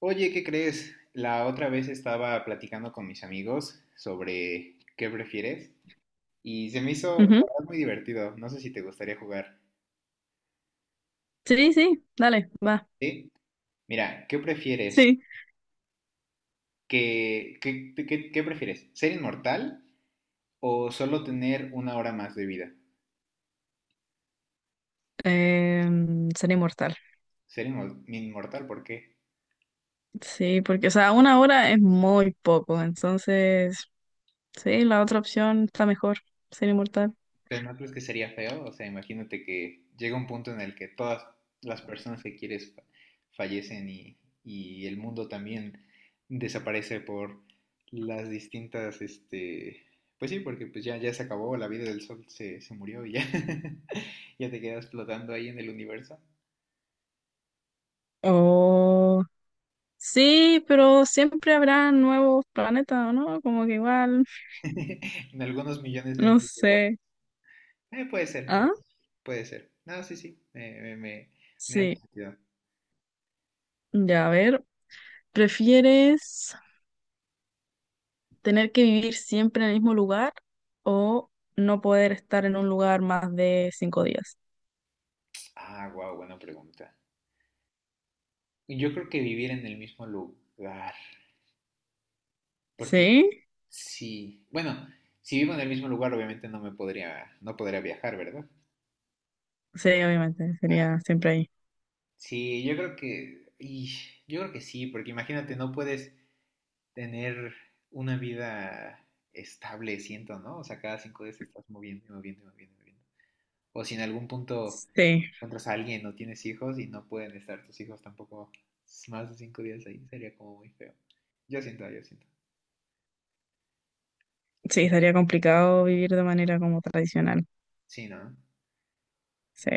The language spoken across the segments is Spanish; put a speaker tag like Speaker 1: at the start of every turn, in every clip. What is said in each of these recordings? Speaker 1: Oye, ¿qué crees? La otra vez estaba platicando con mis amigos sobre qué prefieres y se me hizo, la
Speaker 2: Ujú.
Speaker 1: verdad, muy divertido. No sé si te gustaría jugar.
Speaker 2: Sí, sí, dale, va.
Speaker 1: ¿Sí? Mira, ¿qué prefieres?
Speaker 2: Sí.
Speaker 1: ¿Qué prefieres? ¿Ser inmortal o solo tener una hora más de vida?
Speaker 2: Sería inmortal.
Speaker 1: Ser inmortal, ¿por qué?
Speaker 2: Sí, porque, o sea, una hora es muy poco, entonces, sí, la otra opción está mejor, ser inmortal.
Speaker 1: Pero no crees que sería feo, o sea, imagínate que llega un punto en el que todas las personas que quieres fallecen y, el mundo también desaparece por las distintas, pues sí, porque pues ya, ya se acabó, la vida del sol se murió y ya, ya te quedas flotando ahí en el universo.
Speaker 2: Oh, sí, pero siempre habrá nuevos planetas, ¿o no? Como que igual,
Speaker 1: En algunos millones de
Speaker 2: no
Speaker 1: años digo,
Speaker 2: sé.
Speaker 1: Puede ser, puede
Speaker 2: ¿Ah?
Speaker 1: ser, puede ser. No, sí, sí, me hace
Speaker 2: Sí,
Speaker 1: sentido."
Speaker 2: ya, a ver, ¿prefieres tener que vivir siempre en el mismo lugar o no poder estar en un lugar más de 5 días?
Speaker 1: Ah, wow, buena pregunta. Yo creo que vivir en el mismo lugar, porque
Speaker 2: Sí.
Speaker 1: sí, bueno, si vivo en el mismo lugar, obviamente no podría viajar, ¿verdad?
Speaker 2: Sí, obviamente,
Speaker 1: Ah,
Speaker 2: sería siempre ahí.
Speaker 1: sí, yo creo que sí, porque imagínate, no puedes tener una vida estable, siento, ¿no? O sea, cada 5 días te estás moviendo y moviendo y moviendo y moviendo. O si en algún punto
Speaker 2: Sí,
Speaker 1: encuentras a alguien o tienes hijos y no pueden estar tus hijos tampoco más de 5 días ahí, sería como muy feo. Yo siento, yo siento.
Speaker 2: sí, estaría complicado vivir de manera como tradicional.
Speaker 1: Sí, ¿no?
Speaker 2: Sí,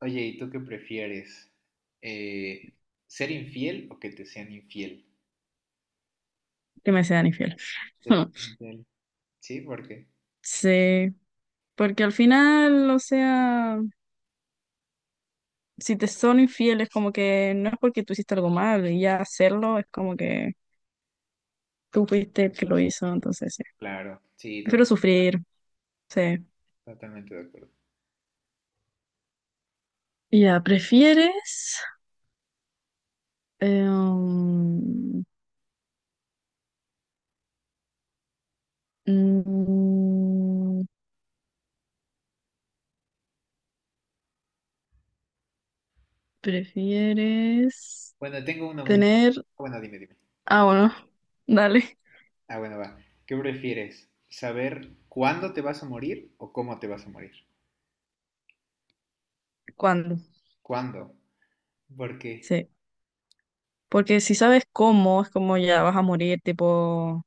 Speaker 1: Oye, ¿y tú qué prefieres? Eh, ¿Ser infiel o que te sean infiel?
Speaker 2: que me sean infiel.
Speaker 1: Que te sean infiel. Sí, porque,
Speaker 2: Sí, porque al final, o sea, si te son infieles, como que no es porque tú hiciste algo mal, y ya hacerlo es como que tú fuiste el que lo hizo, entonces sí.
Speaker 1: claro, sí, to-
Speaker 2: Prefiero sufrir, sí.
Speaker 1: totalmente de acuerdo.
Speaker 2: Ya, ¿prefieres? eh, um, mm, ¿Prefieres
Speaker 1: Bueno, tengo una muy buena.
Speaker 2: tener?
Speaker 1: Bueno, dime, dime.
Speaker 2: Ah, bueno, dale.
Speaker 1: Ah, bueno, va. ¿Qué prefieres? ¿Saber cuándo te vas a morir o cómo te vas a morir?
Speaker 2: ¿Cuándo?
Speaker 1: ¿Cuándo? Porque,
Speaker 2: Sí. Porque si sabes cómo, es como ya vas a morir, tipo,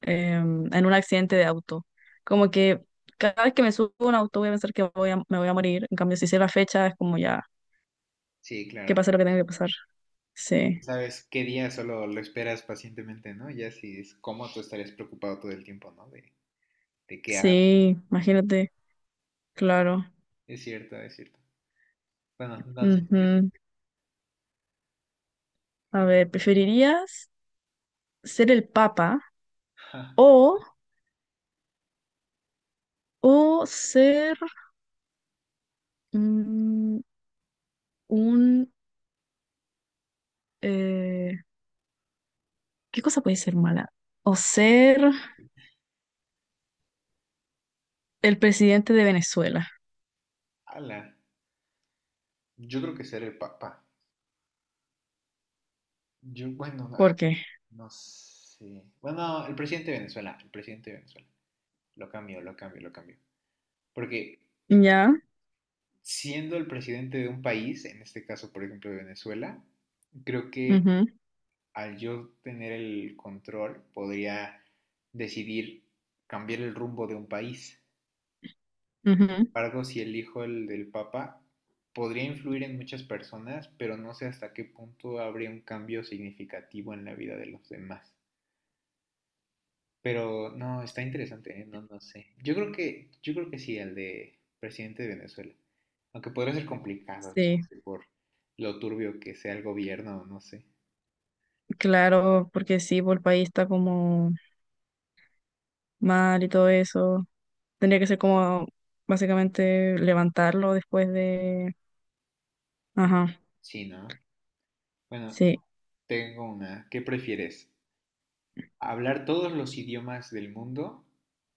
Speaker 2: en un accidente de auto. Como que cada vez que me subo a un auto voy a pensar que me voy a morir. En cambio, si sé la fecha, es como ya,
Speaker 1: sí,
Speaker 2: que
Speaker 1: claro.
Speaker 2: pase lo que tenga que pasar. Sí.
Speaker 1: Sabes qué día solo lo esperas pacientemente, ¿no? Ya si es cómo tú estarías preocupado todo el tiempo, ¿no? De qué hago.
Speaker 2: Sí, imagínate. Claro.
Speaker 1: Es cierto, es cierto. Bueno, no sé.
Speaker 2: Ujú. A ver, ¿preferirías ser el papa
Speaker 1: Ja,
Speaker 2: o, o ser mm, un... eh, ¿qué cosa puede ser mala? O ser el presidente de Venezuela.
Speaker 1: ala, yo creo que ser el papa. Yo, bueno, ah,
Speaker 2: ¿Por qué?
Speaker 1: no sé. Bueno, el presidente de Venezuela, el presidente de Venezuela. Lo cambio, lo cambio, lo cambio. Porque
Speaker 2: Ya.
Speaker 1: siendo el presidente de un país, en este caso, por ejemplo, de Venezuela, creo que
Speaker 2: Ujú,
Speaker 1: al yo tener el control podría decidir cambiar el rumbo de un país.
Speaker 2: ujú.
Speaker 1: Embargo, si elijo el del Papa, podría influir en muchas personas, pero no sé hasta qué punto habría un cambio significativo en la vida de los demás. Pero no, está interesante, ¿eh? No, no sé. Yo creo que sí, el de presidente de Venezuela. Aunque podría ser complicado,
Speaker 2: Sí,
Speaker 1: chance, por lo turbio que sea el gobierno, no sé.
Speaker 2: claro, porque sí, por el país está como mal y todo eso. Tendría que ser como básicamente levantarlo después de... Ajá,
Speaker 1: Sí, ¿no? Bueno,
Speaker 2: sí.
Speaker 1: tengo una. ¿Qué prefieres? ¿Hablar todos los idiomas del mundo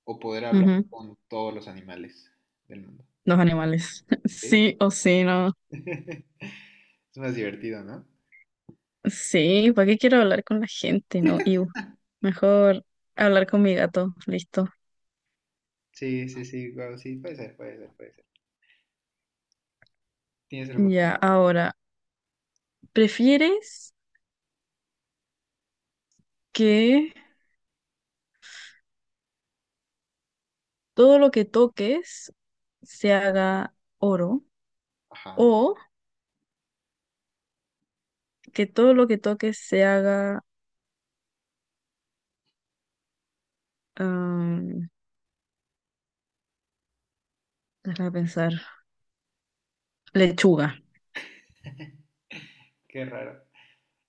Speaker 1: o poder hablar
Speaker 2: Ujú.
Speaker 1: con todos los animales del mundo?
Speaker 2: Los animales.
Speaker 1: ¿Sí?
Speaker 2: Sí o sí, no.
Speaker 1: Es más divertido, ¿no?
Speaker 2: Sí, ¿para qué quiero hablar con la gente, no? Iu. Mejor hablar con mi gato. Listo.
Speaker 1: Sí, sí, sí, guau, sí, puede ser, puede ser, puede ser. ¿Tienes algún
Speaker 2: Ya,
Speaker 1: otro?
Speaker 2: ahora, ¿prefieres que todo lo que toques se haga oro
Speaker 1: Ajá,
Speaker 2: o que todo lo que toques se haga, am, déjame pensar, lechuga.
Speaker 1: qué raro.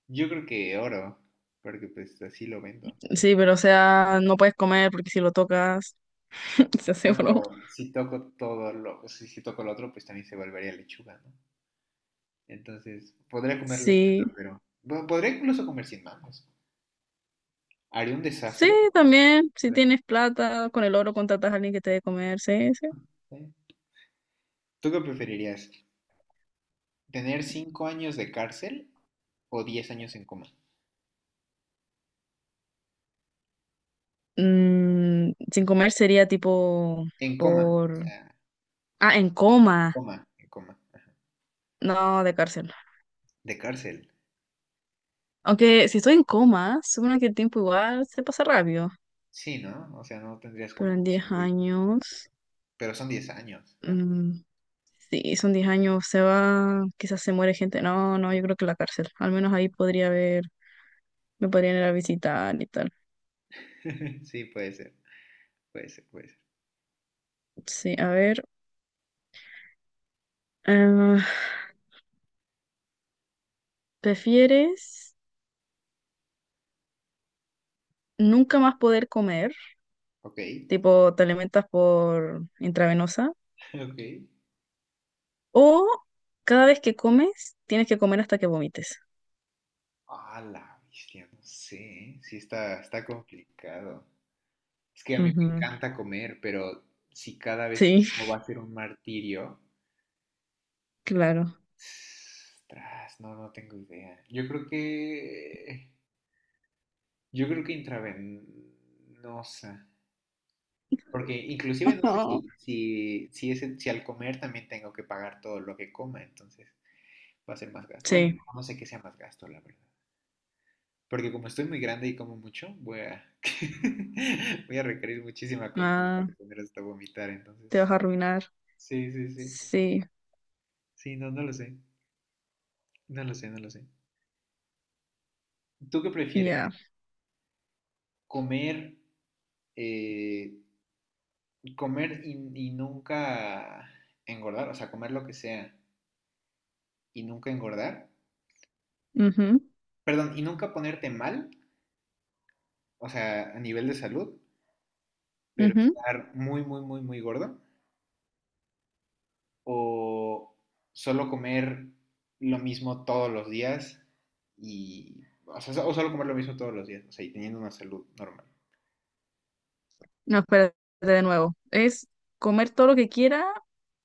Speaker 1: Yo creo que oro, porque pues así lo vendo.
Speaker 2: Sí, pero o sea, no puedes comer porque si lo tocas se hace
Speaker 1: Ah, pero
Speaker 2: oro.
Speaker 1: si toco todo lo, si toco lo otro, pues también se volvería lechuga, ¿no? Entonces, podría comer lechuga,
Speaker 2: Sí,
Speaker 1: pero bueno, podría incluso comer sin manos. Haría un
Speaker 2: sí,
Speaker 1: desastre.
Speaker 2: también, si
Speaker 1: Podría
Speaker 2: tienes plata, con el oro contratas a alguien que te dé comer, sí, sí.
Speaker 1: comer. ¿Tú qué preferirías? ¿Tener 5 años de cárcel o 10 años en coma?
Speaker 2: Mm, sin comer sería tipo
Speaker 1: En coma, o
Speaker 2: por...
Speaker 1: sea,
Speaker 2: Ah, en coma.
Speaker 1: coma, en coma,
Speaker 2: No, de cárcel.
Speaker 1: de cárcel.
Speaker 2: Aunque si estoy en coma, supongo que el tiempo igual se pasa rápido.
Speaker 1: Sí, ¿no? O sea, no tendrías
Speaker 2: Pero
Speaker 1: como
Speaker 2: en 10
Speaker 1: opción de.
Speaker 2: años,
Speaker 1: Pero son 10 años también.
Speaker 2: mm, sí, son 10 años, se va, quizás se muere gente. No, yo creo que la cárcel. Al menos ahí podría haber, me podrían ir a visitar y tal.
Speaker 1: Sí, puede ser, puede ser, puede ser.
Speaker 2: Sí, a ver. eh, ¿Prefieres nunca más poder comer?
Speaker 1: Ok,
Speaker 2: Tipo, te alimentas por intravenosa.
Speaker 1: ok.
Speaker 2: O cada vez que comes, tienes que comer hasta que vomites.
Speaker 1: Ah, la bestia, no sé. ¿Eh? Sí, está complicado. Es que a mí me
Speaker 2: Ujú.
Speaker 1: encanta comer, pero si cada vez que
Speaker 2: Sí,
Speaker 1: como va a ser un martirio,
Speaker 2: claro.
Speaker 1: tras, no, no tengo idea. Yo creo que intravenosa. Porque inclusive no sé si, si, si, es, si al comer también tengo que pagar todo lo que coma, entonces va a ser más gasto. Bueno,
Speaker 2: Sí.
Speaker 1: no sé qué sea más gasto, la verdad. Porque como estoy muy grande y como mucho, voy a, voy a requerir muchísima comida
Speaker 2: Ah,
Speaker 1: para tener hasta vomitar, entonces
Speaker 2: te
Speaker 1: no.
Speaker 2: vas a arruinar.
Speaker 1: Sí, sí, sí.
Speaker 2: Sí,
Speaker 1: Sí, no, no lo sé. No lo sé, no lo sé. ¿Tú qué prefieres?
Speaker 2: ya.
Speaker 1: ¿Comer, eh, comer y nunca engordar? O sea, comer lo que sea y nunca engordar.
Speaker 2: Ujú,
Speaker 1: Perdón, ¿y nunca ponerte mal? O sea, a nivel de salud, pero
Speaker 2: ujú.
Speaker 1: estar muy, muy, muy, muy gordo, o solo comer lo mismo todos los días y, o, sea, o solo comer lo mismo todos los días, o sea, y teniendo una salud normal,
Speaker 2: No, espérate de nuevo. Es comer todo lo que quiera,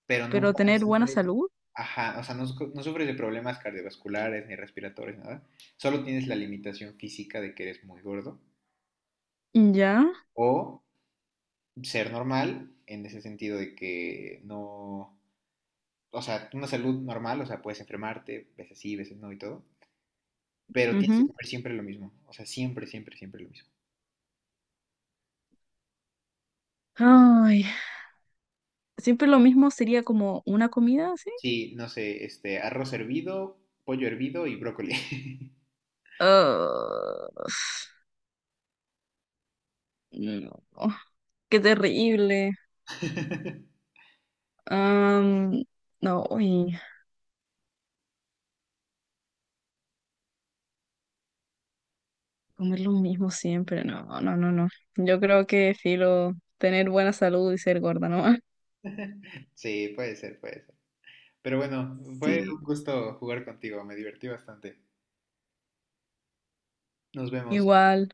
Speaker 1: pero
Speaker 2: pero
Speaker 1: nunca
Speaker 2: tener buena
Speaker 1: sufres,
Speaker 2: salud.
Speaker 1: ajá, o sea, no, no sufres de problemas cardiovasculares ni respiratorios, nada, solo tienes la limitación física de que eres muy gordo,
Speaker 2: Ya.
Speaker 1: o ser normal en ese sentido de que no, o sea, una salud normal, o sea, puedes enfermarte, veces sí, veces no y todo, pero tienes que
Speaker 2: Ujú.
Speaker 1: comer siempre lo mismo. O sea, siempre, siempre, siempre lo mismo.
Speaker 2: Ay, siempre lo mismo sería como una comida, ¿sí?
Speaker 1: Sí, no sé, este, arroz hervido, pollo hervido y brócoli.
Speaker 2: Ah, no, qué terrible. Am, no, uy, comer lo mismo siempre. No, no, no, no. Yo creo que filo tener buena salud y ser gorda, ¿no?
Speaker 1: Sí, puede ser, puede ser. Pero bueno, fue un
Speaker 2: Sí,
Speaker 1: gusto jugar contigo, me divertí bastante. Nos vemos.
Speaker 2: igual.